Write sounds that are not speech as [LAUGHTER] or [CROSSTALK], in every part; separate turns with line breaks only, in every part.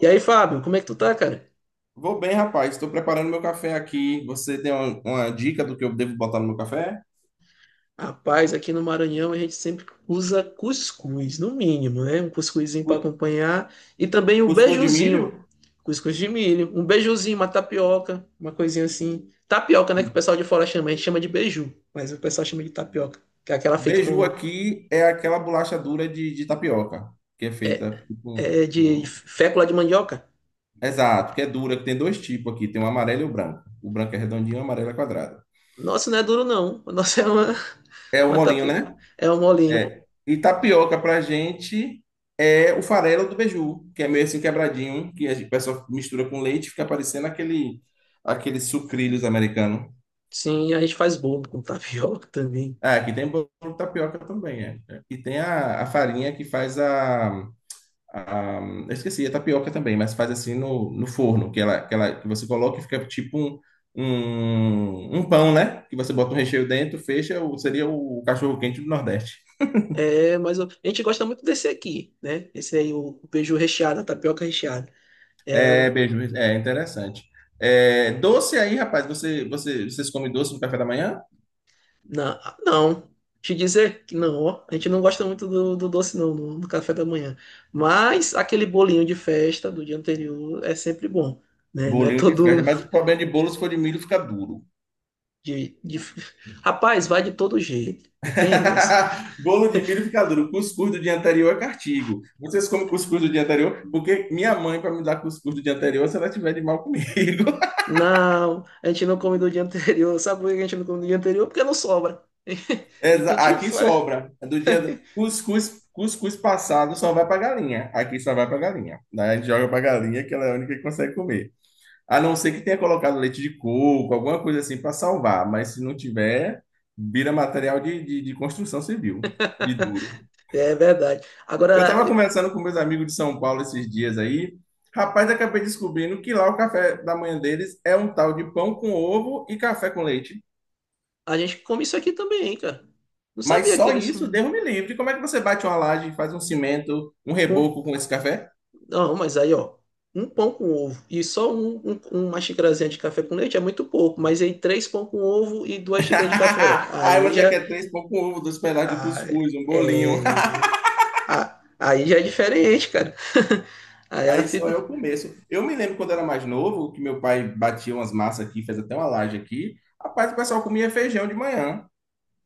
E aí, Fábio, como é que tu tá, cara?
Vou bem, rapaz. Estou preparando meu café aqui. Você tem uma dica do que eu devo botar no meu café?
Rapaz, aqui no Maranhão a gente sempre usa cuscuz, no mínimo, né? Um cuscuzinho para
Cu-
acompanhar e também um
Cuscuz de milho?
beijuzinho, cuscuz de milho, um beijuzinho, uma tapioca, uma coisinha assim. Tapioca, né? Que o pessoal de fora chama, a gente chama de beiju, mas o pessoal chama de tapioca, que é aquela feita
Beiju
com
aqui é aquela bolacha dura de tapioca, que é feita tipo com...
é, de
com-
fécula de mandioca.
Exato, que é dura, que tem dois tipos aqui. Tem o amarelo e o branco. O branco é redondinho, o amarelo é quadrado.
Nossa, não é duro não, [LAUGHS] o nosso é uma,
É o
uma
molinho,
tapioca,
né?
é um molinho.
É. E tapioca pra gente é o farelo do beiju, que é meio assim quebradinho, que o pessoal mistura com leite e fica parecendo aquele, aqueles sucrilhos americanos.
Sim, a gente faz bolo com tapioca também.
Ah, aqui tem bolo de tapioca também, é. É. E tem a farinha que faz a. Eu esqueci, a tapioca também, mas faz assim no forno, que ela, que você coloca e fica tipo um pão, né? Que você bota um recheio dentro, fecha, seria o cachorro-quente do Nordeste.
É, mas eu- a gente gosta muito desse aqui, né? Esse aí, o beiju recheado, a tapioca recheada. É,
É,
o,
beijo, é interessante. É, doce aí, rapaz, vocês comem doce no café da manhã?
na não, te dizer que não, ó, a gente não gosta muito do doce, não, no do café da manhã. Mas aquele bolinho de festa do dia anterior é sempre bom, né? Não é
Bolinho de
todo
festa,
um
mas o problema de bolo, se for de milho, fica duro.
de... Rapaz, vai de todo jeito, não tem essa.
[LAUGHS] Bolo de milho fica duro. Cuscuz do dia anterior é cartigo. Vocês comem cuscuz do dia anterior? Porque minha mãe, para me dar cuscuz do dia anterior, se ela tiver de mal comigo. [LAUGHS]
Não, a gente não come do dia anterior. [LAUGHS] Sabe por que a gente não come do dia anterior? Porque não sobra. E que a gente
Aqui
faz.
sobra. Cuscuz passado só vai para galinha. Aqui só vai para galinha, né? A gente joga para galinha, que ela é a única que consegue comer. A não ser que tenha colocado leite de coco, alguma coisa assim para salvar. Mas se não tiver, vira material de construção civil, de duro.
É verdade.
Eu
Agora,
estava conversando com meus amigos de São Paulo esses dias aí. Rapaz, acabei descobrindo que lá o café da manhã deles é um tal de pão com ovo e café com leite.
a gente come isso aqui também, hein, cara. Não
Mas
sabia que
só
eles.
isso, Deus me livre. Como é que você bate uma laje, faz um cimento, um
Com...
reboco com esse café?
Não, mas aí, ó. Um pão com ovo e só uma xicrazinha de café com leite é muito pouco, mas aí três pão com ovo e duas xícaras de café.
[LAUGHS] Aí
Aí
você
já.
quer três pão com ovo, dois pedaços de
ah,
cuscuz, um bolinho. [LAUGHS]
é, ah, aí já é diferente, cara. [LAUGHS] Aí ela
Aí só
fica.
é o começo. Eu me lembro quando era mais novo, que meu pai batia umas massas aqui, fez até uma laje aqui. Rapaz, o pessoal comia feijão de manhã.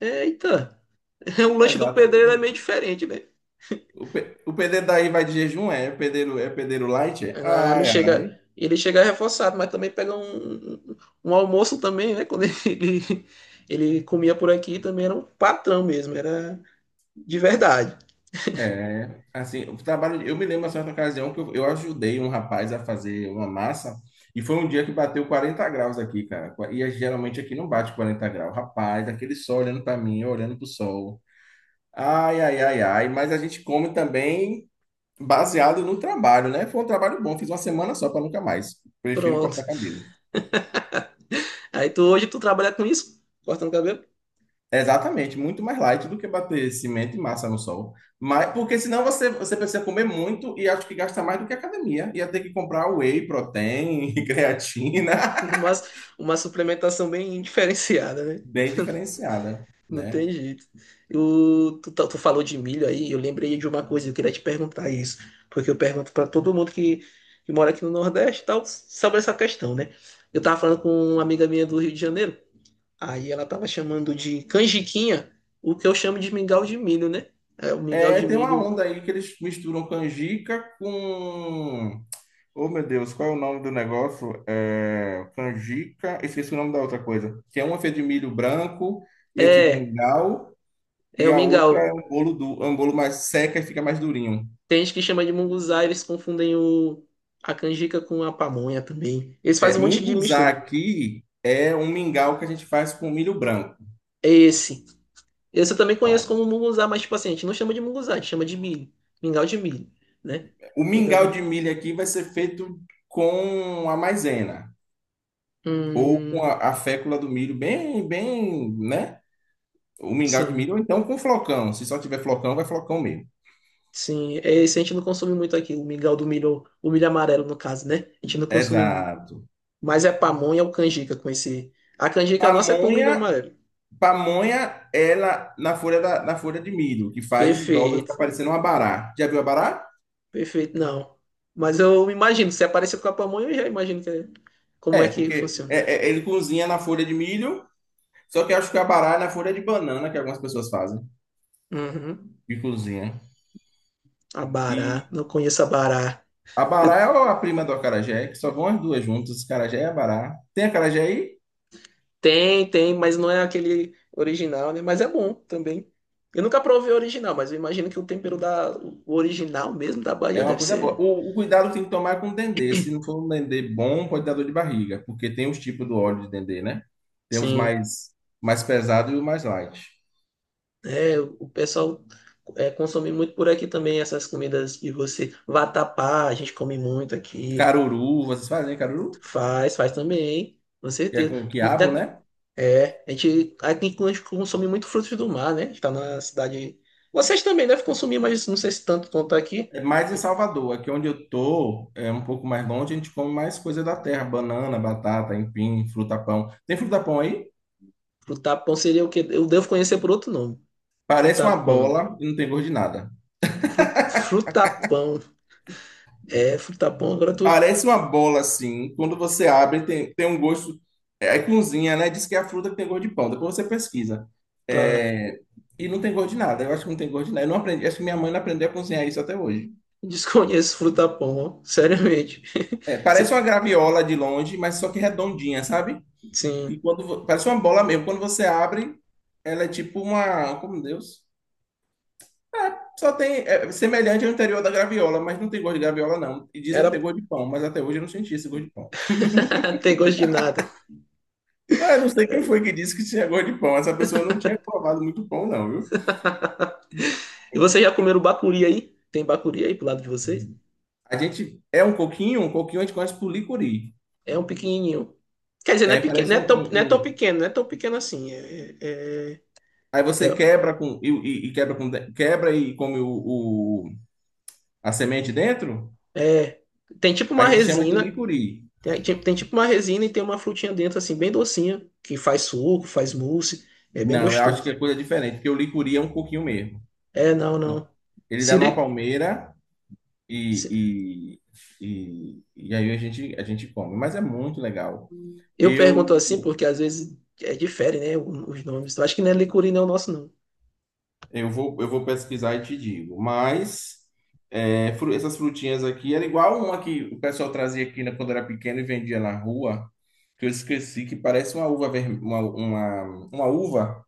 Eita, [LAUGHS] o lanche do pedreiro é meio
Exatamente.
diferente, né?
O pedreiro daí vai de jejum, é? O pedreiro, é pedreiro light? É?
Ah, ele
Ai,
chega,
ai.
ele chega reforçado, mas também pega um almoço também, né? Quando [LAUGHS] ele comia por aqui, também era um patrão mesmo, era de verdade.
É, assim, o trabalho. Eu me lembro, uma certa ocasião, que eu ajudei um rapaz a fazer uma massa, e foi um dia que bateu 40 graus aqui, cara. Geralmente aqui não bate 40 graus. Rapaz, aquele sol olhando para mim, eu olhando pro sol. Ai, ai, ai, ai. Mas a gente come também baseado no trabalho, né? Foi um trabalho bom, fiz uma semana só para nunca mais. Prefiro
Pronto.
cortar cabelo.
Aí tu hoje tu trabalha com isso, cortando cabelo,
Exatamente, muito mais light do que bater cimento e massa no sol. Mas, porque senão você precisa comer muito e acho que gasta mais do que a academia. Ia ter que comprar whey protein, [LAUGHS] creatina,
[LAUGHS] mas uma suplementação bem diferenciada, né?
bem diferenciada,
Não tem
né?
jeito. O, tu, tá- tu falou de milho aí, eu lembrei de uma coisa, eu queria te perguntar isso, porque eu pergunto para todo mundo que mora aqui no Nordeste e tal, sobre essa questão, né? Eu tava falando com uma amiga minha do Rio de Janeiro. Aí ela tava chamando de canjiquinha, o que eu chamo de mingau de milho, né? É, o mingau
É,
de
tem uma
milho.
onda aí que eles misturam canjica com... Oh, meu Deus, qual é o nome do negócio? É, canjica, esqueci o nome da outra coisa. Que é uma feita de milho branco e é tipo um
É,
mingau,
é
e
o
a outra é
mingau.
um bolo, do, é um bolo mais seca e fica mais durinho.
Tem gente que chama de munguzá, eles confundem o, a canjica com a pamonha também. Eles
É,
fazem um monte de
munguzá
mistura.
aqui é um mingau que a gente faz com milho branco.
É esse. Esse eu também conheço
Tá?
como munguzá, mas tipo assim, a gente não chama de munguzá, a gente chama de milho. Mingau de milho, né?
O
Mingau de
mingau de
milho.
milho aqui vai ser feito com a maisena ou com
Hum,
a fécula do milho, bem, bem, né? O mingau de
sim.
milho, ou então com flocão. Se só tiver flocão, vai flocão mesmo.
Sim, é esse a gente não consome muito aqui, o mingau do milho, o milho amarelo no caso, né? A gente não consome muito.
Exato.
Mas é pamonha ou canjica com esse. A canjica nossa é com milho
Pamonha,
amarelo.
pamonha, ela na folha da, na folha de milho, que faz e dobra, fica
Perfeito,
parecendo um abará. Já viu abará?
perfeito, não. Mas eu imagino, se aparecer com a pamonha, eu já imagino que é- como é
É,
que
porque
funciona.
ele cozinha na folha de milho. Só que eu acho que a bará é na folha de banana que algumas pessoas fazem
Uhum.
e cozinham.
A
E
bará, não conheço a bará.
a
Eu-
bará é a prima do acarajé, que só vão as duas juntas, acarajé e abará. Tem acarajé aí?
tem, tem, mas não é aquele original, né? Mas é bom também. Eu nunca provei o original, mas eu imagino que o tempero da o original mesmo da Bahia
É uma
deve
coisa boa.
ser.
O cuidado que tem que tomar é com o dendê. Se não for um dendê bom, pode dar dor de barriga, porque tem os tipos do óleo de dendê, né? Temos
Sim.
mais mais pesado e o mais light.
É, o pessoal é, consome muito por aqui também essas comidas que você vatapá, a gente come muito aqui.
Caruru, vocês fazem caruru?
Faz, faz também, com
Que é
certeza.
com quiabo,
Muita-
né?
é, a gente aqui a gente consome muito frutos do mar, né? A gente tá na cidade. Vocês também devem consumir, mas não sei se tanto quanto aqui.
É mais em Salvador, aqui onde eu tô, é um pouco mais longe, a gente come mais coisa da terra, banana, batata, empim, fruta-pão. Tem fruta-pão aí?
Frutapão seria o que eu devo conhecer por outro nome.
Parece uma
Frutapão.
bola e não tem gosto de nada.
Fru- frutapão. É, frutapão. Agora tu
Parece uma bola assim, quando você abre tem, tem um gosto, é, aí cozinha, né? Diz que é a fruta que tem gosto de pão, depois você pesquisa.
tá.
É, e não tem gosto de nada, eu acho que não tem gosto de nada. Eu não aprendi, acho que minha mãe não aprendeu a cozinhar isso até hoje.
Desconheço frutapão, ó. Seriamente.
É,
[LAUGHS]
parece
Se-
uma graviola de longe, mas só que redondinha, sabe? E
sim.
parece uma bola mesmo, quando você abre, ela é tipo uma, como Deus. Só tem é semelhante ao interior da graviola, mas não tem gosto de graviola não. E dizem que
Era.
tem gosto de pão, mas até hoje eu não senti esse gosto de pão.
[LAUGHS] Tem gosto de nada.
Ah, eu não sei quem foi que disse que tinha gosto de pão. Essa pessoa não tinha provado muito pão não, viu?
[LAUGHS] E vocês já comeram bacuri aí? Tem bacuri aí pro lado de vocês?
A gente é um coquinho a gente conhece por licuri.
É um pequenininho. Quer dizer, não é
É,
pequeno,
parece
não é
um,
tão,
um-
não é tão
um-
pequeno, não é tão pequeno assim. É, é,
Aí você
é-
quebra com e quebra com de- quebra e come o- a semente dentro.
é- é, tem tipo
A
uma
gente chama de
resina,
licuri.
tem tipo uma resina e tem uma frutinha dentro assim, bem docinha, que faz suco, faz mousse, é bem
Não, eu acho que
gostoso.
é coisa diferente, porque o licuri é um coquinho mesmo.
É, não, não.
Ele dá numa
Siri,
palmeira
se-
e, e aí a gente come. Mas é muito legal.
eu pergunto
Eu,
assim porque às vezes é difere, né, os nomes. Eu acho que não é licuri não, é o nosso não.
eu vou pesquisar e te digo. Mas é, essas frutinhas aqui era igual uma que o pessoal trazia aqui né, quando era pequeno e vendia na rua, que eu esqueci, que parece uma uva vermelha, uma uva,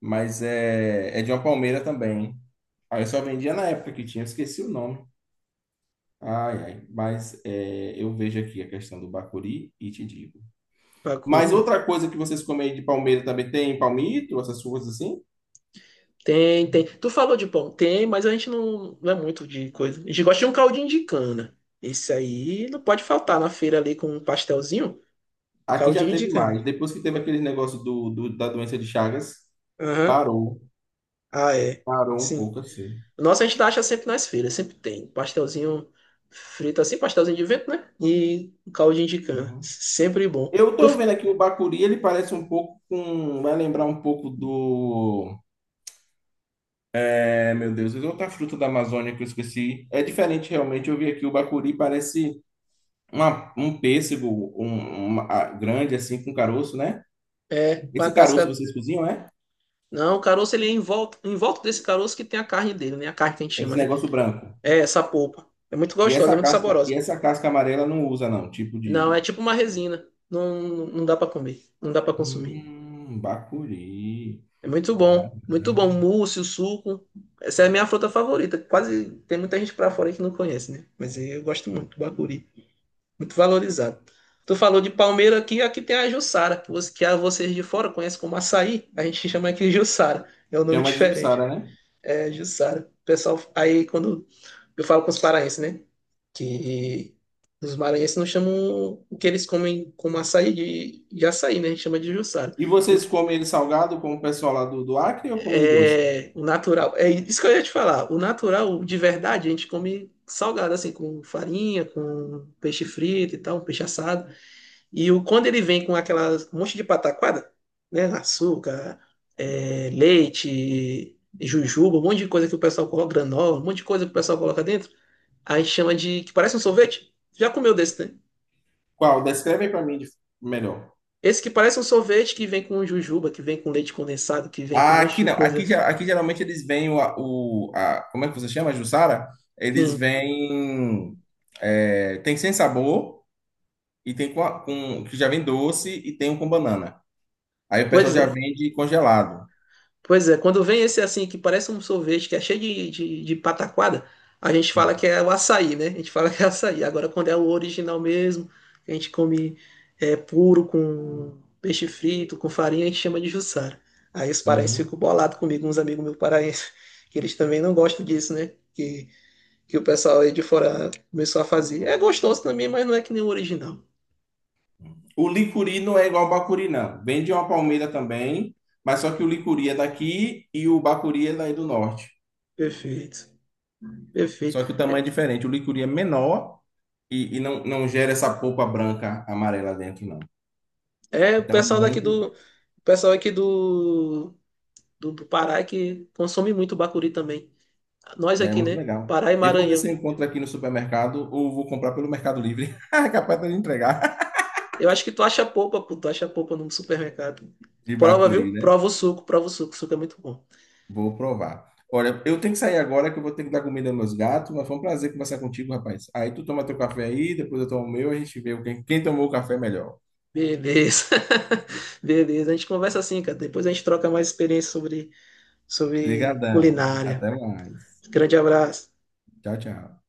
mas é de uma palmeira também. Aí eu só vendia na época que tinha, eu esqueci o nome. Ai, ai, mas é, eu vejo aqui a questão do Bacuri e te digo. Mas
Bacuri.
outra coisa que vocês comem aí de palmeira também, tem palmito, essas coisas assim?
Tem, tem. Tu falou de pão? Tem, mas a gente não, não é muito de coisa. A gente gosta de um caldinho de cana. Esse aí não pode faltar na feira ali com um pastelzinho.
Aqui já
Caldinho de
teve
cana.
mais. Depois que teve aquele negócio da doença de Chagas,
Aham.
parou,
Ah, é.
parou um
Sim.
pouco assim.
Nossa, a gente acha sempre nas feiras, sempre tem. Pastelzinho frito assim, pastelzinho de vento, né? E um caldinho de cana.
Uhum.
Sempre bom.
Eu
Tu-
tô vendo aqui o bacuri, ele parece um pouco com. Vai lembrar um pouco do. É, meu Deus, é outra fruta da Amazônia que eu esqueci. É diferente realmente. Eu vi aqui o bacuri, parece um pêssego grande assim, com caroço, né?
é, com a
Esse caroço
casca.
vocês cozinham, né?
Não, o caroço ele é em volta desse caroço que tem a carne dele, né? A carne que a gente
É? Esse
chama, né?
negócio branco.
É essa polpa. É muito gostosa, é muito
E
saborosa.
essa casca amarela não usa, não. Tipo
Não, é
de.
tipo uma resina. Não, não dá pra comer, não dá pra consumir.
Bacuri.
É muito
Da-
bom, muito bom. Mousse, o suco. Essa é a minha fruta favorita. Quase tem muita gente pra fora aí que não conhece, né? Mas eu gosto muito, bacuri. Muito valorizado. Tu falou de palmeira aqui, aqui tem a Jussara, que, você, que a vocês de fora conhecem como açaí. A gente chama aqui de Jussara. É um nome
Chama de
diferente.
Jussara, né?
É Jussara. O pessoal aí quando eu falo com os paraenses, né? Que os maranhenses não chamam o que eles comem como açaí de açaí, né? A gente chama de juçara.
E
O,
vocês
que-
comem ele salgado, como o pessoal lá do Acre, ou comem ele doce?
é, o natural. É isso que eu ia te falar. O natural, de verdade, a gente come salgado, assim, com farinha, com peixe frito e tal, um peixe assado. E o, quando ele vem com aquela um monte de pataquada, né? Açúcar, é, leite, jujuba, um monte de coisa que o pessoal coloca, granola, um monte de coisa que o pessoal coloca dentro. Aí chama de. Que parece um sorvete. Já comeu desse, né?
Qual? Descreve aí pra mim de- melhor.
Esse que parece um sorvete que vem com jujuba, que vem com leite condensado, que vem com um
Ah,
monte
aqui
de
não. Aqui,
coisa.
aqui geralmente eles vêm como é que você chama, jussara? Eles
Sim,
vêm, é, tem sem sabor e tem com, que já vem doce e tem um com banana. Aí o pessoal
pois
já
é.
vende congelado.
Pois é, quando vem esse assim, que parece um sorvete, que é cheio de pataquada, a gente fala que é o açaí, né? A gente fala que é açaí. Agora, quando é o original mesmo, que a gente come é, puro com peixe frito, com farinha, a gente chama de jussara. Aí os paraenses
Uhum.
ficam bolados comigo, uns amigos meus paraenses, que eles também não gostam disso, né? Que o pessoal aí de fora começou a fazer. É gostoso também, mas não é que nem o original.
O licuri não é igual ao bacuri, não. Vende uma palmeira também, mas só que o licuri é daqui e o bacuri é daí do norte.
Perfeito, perfeito.
Só que o tamanho é diferente. O licuri é menor e, não gera essa polpa branca amarela dentro, não.
É o
Então
pessoal daqui do, o pessoal aqui do Pará é que consome muito bacuri também. Nós
é
aqui,
muito
né?
legal.
Pará e
Eu vou ver se
Maranhão.
eu encontro aqui no supermercado ou vou comprar pelo Mercado Livre. [LAUGHS] Capaz de entregar
Eu acho que tu acha polpa, pô, tu acha polpa no supermercado.
de
Prova, viu?
bacuri, né?
Prova o suco é muito bom.
Vou provar. Olha, eu tenho que sair agora que eu vou ter que dar comida aos meus gatos, mas foi um prazer conversar contigo, rapaz. Aí tu toma teu café aí, depois eu tomo o meu, a gente vê quem tomou o café melhor.
Beleza. [LAUGHS] Beleza, a gente conversa assim, cara. Depois a gente troca mais experiência sobre, sobre
Obrigadão.
culinária.
Até mais.
Grande abraço.
Tchau, tchau.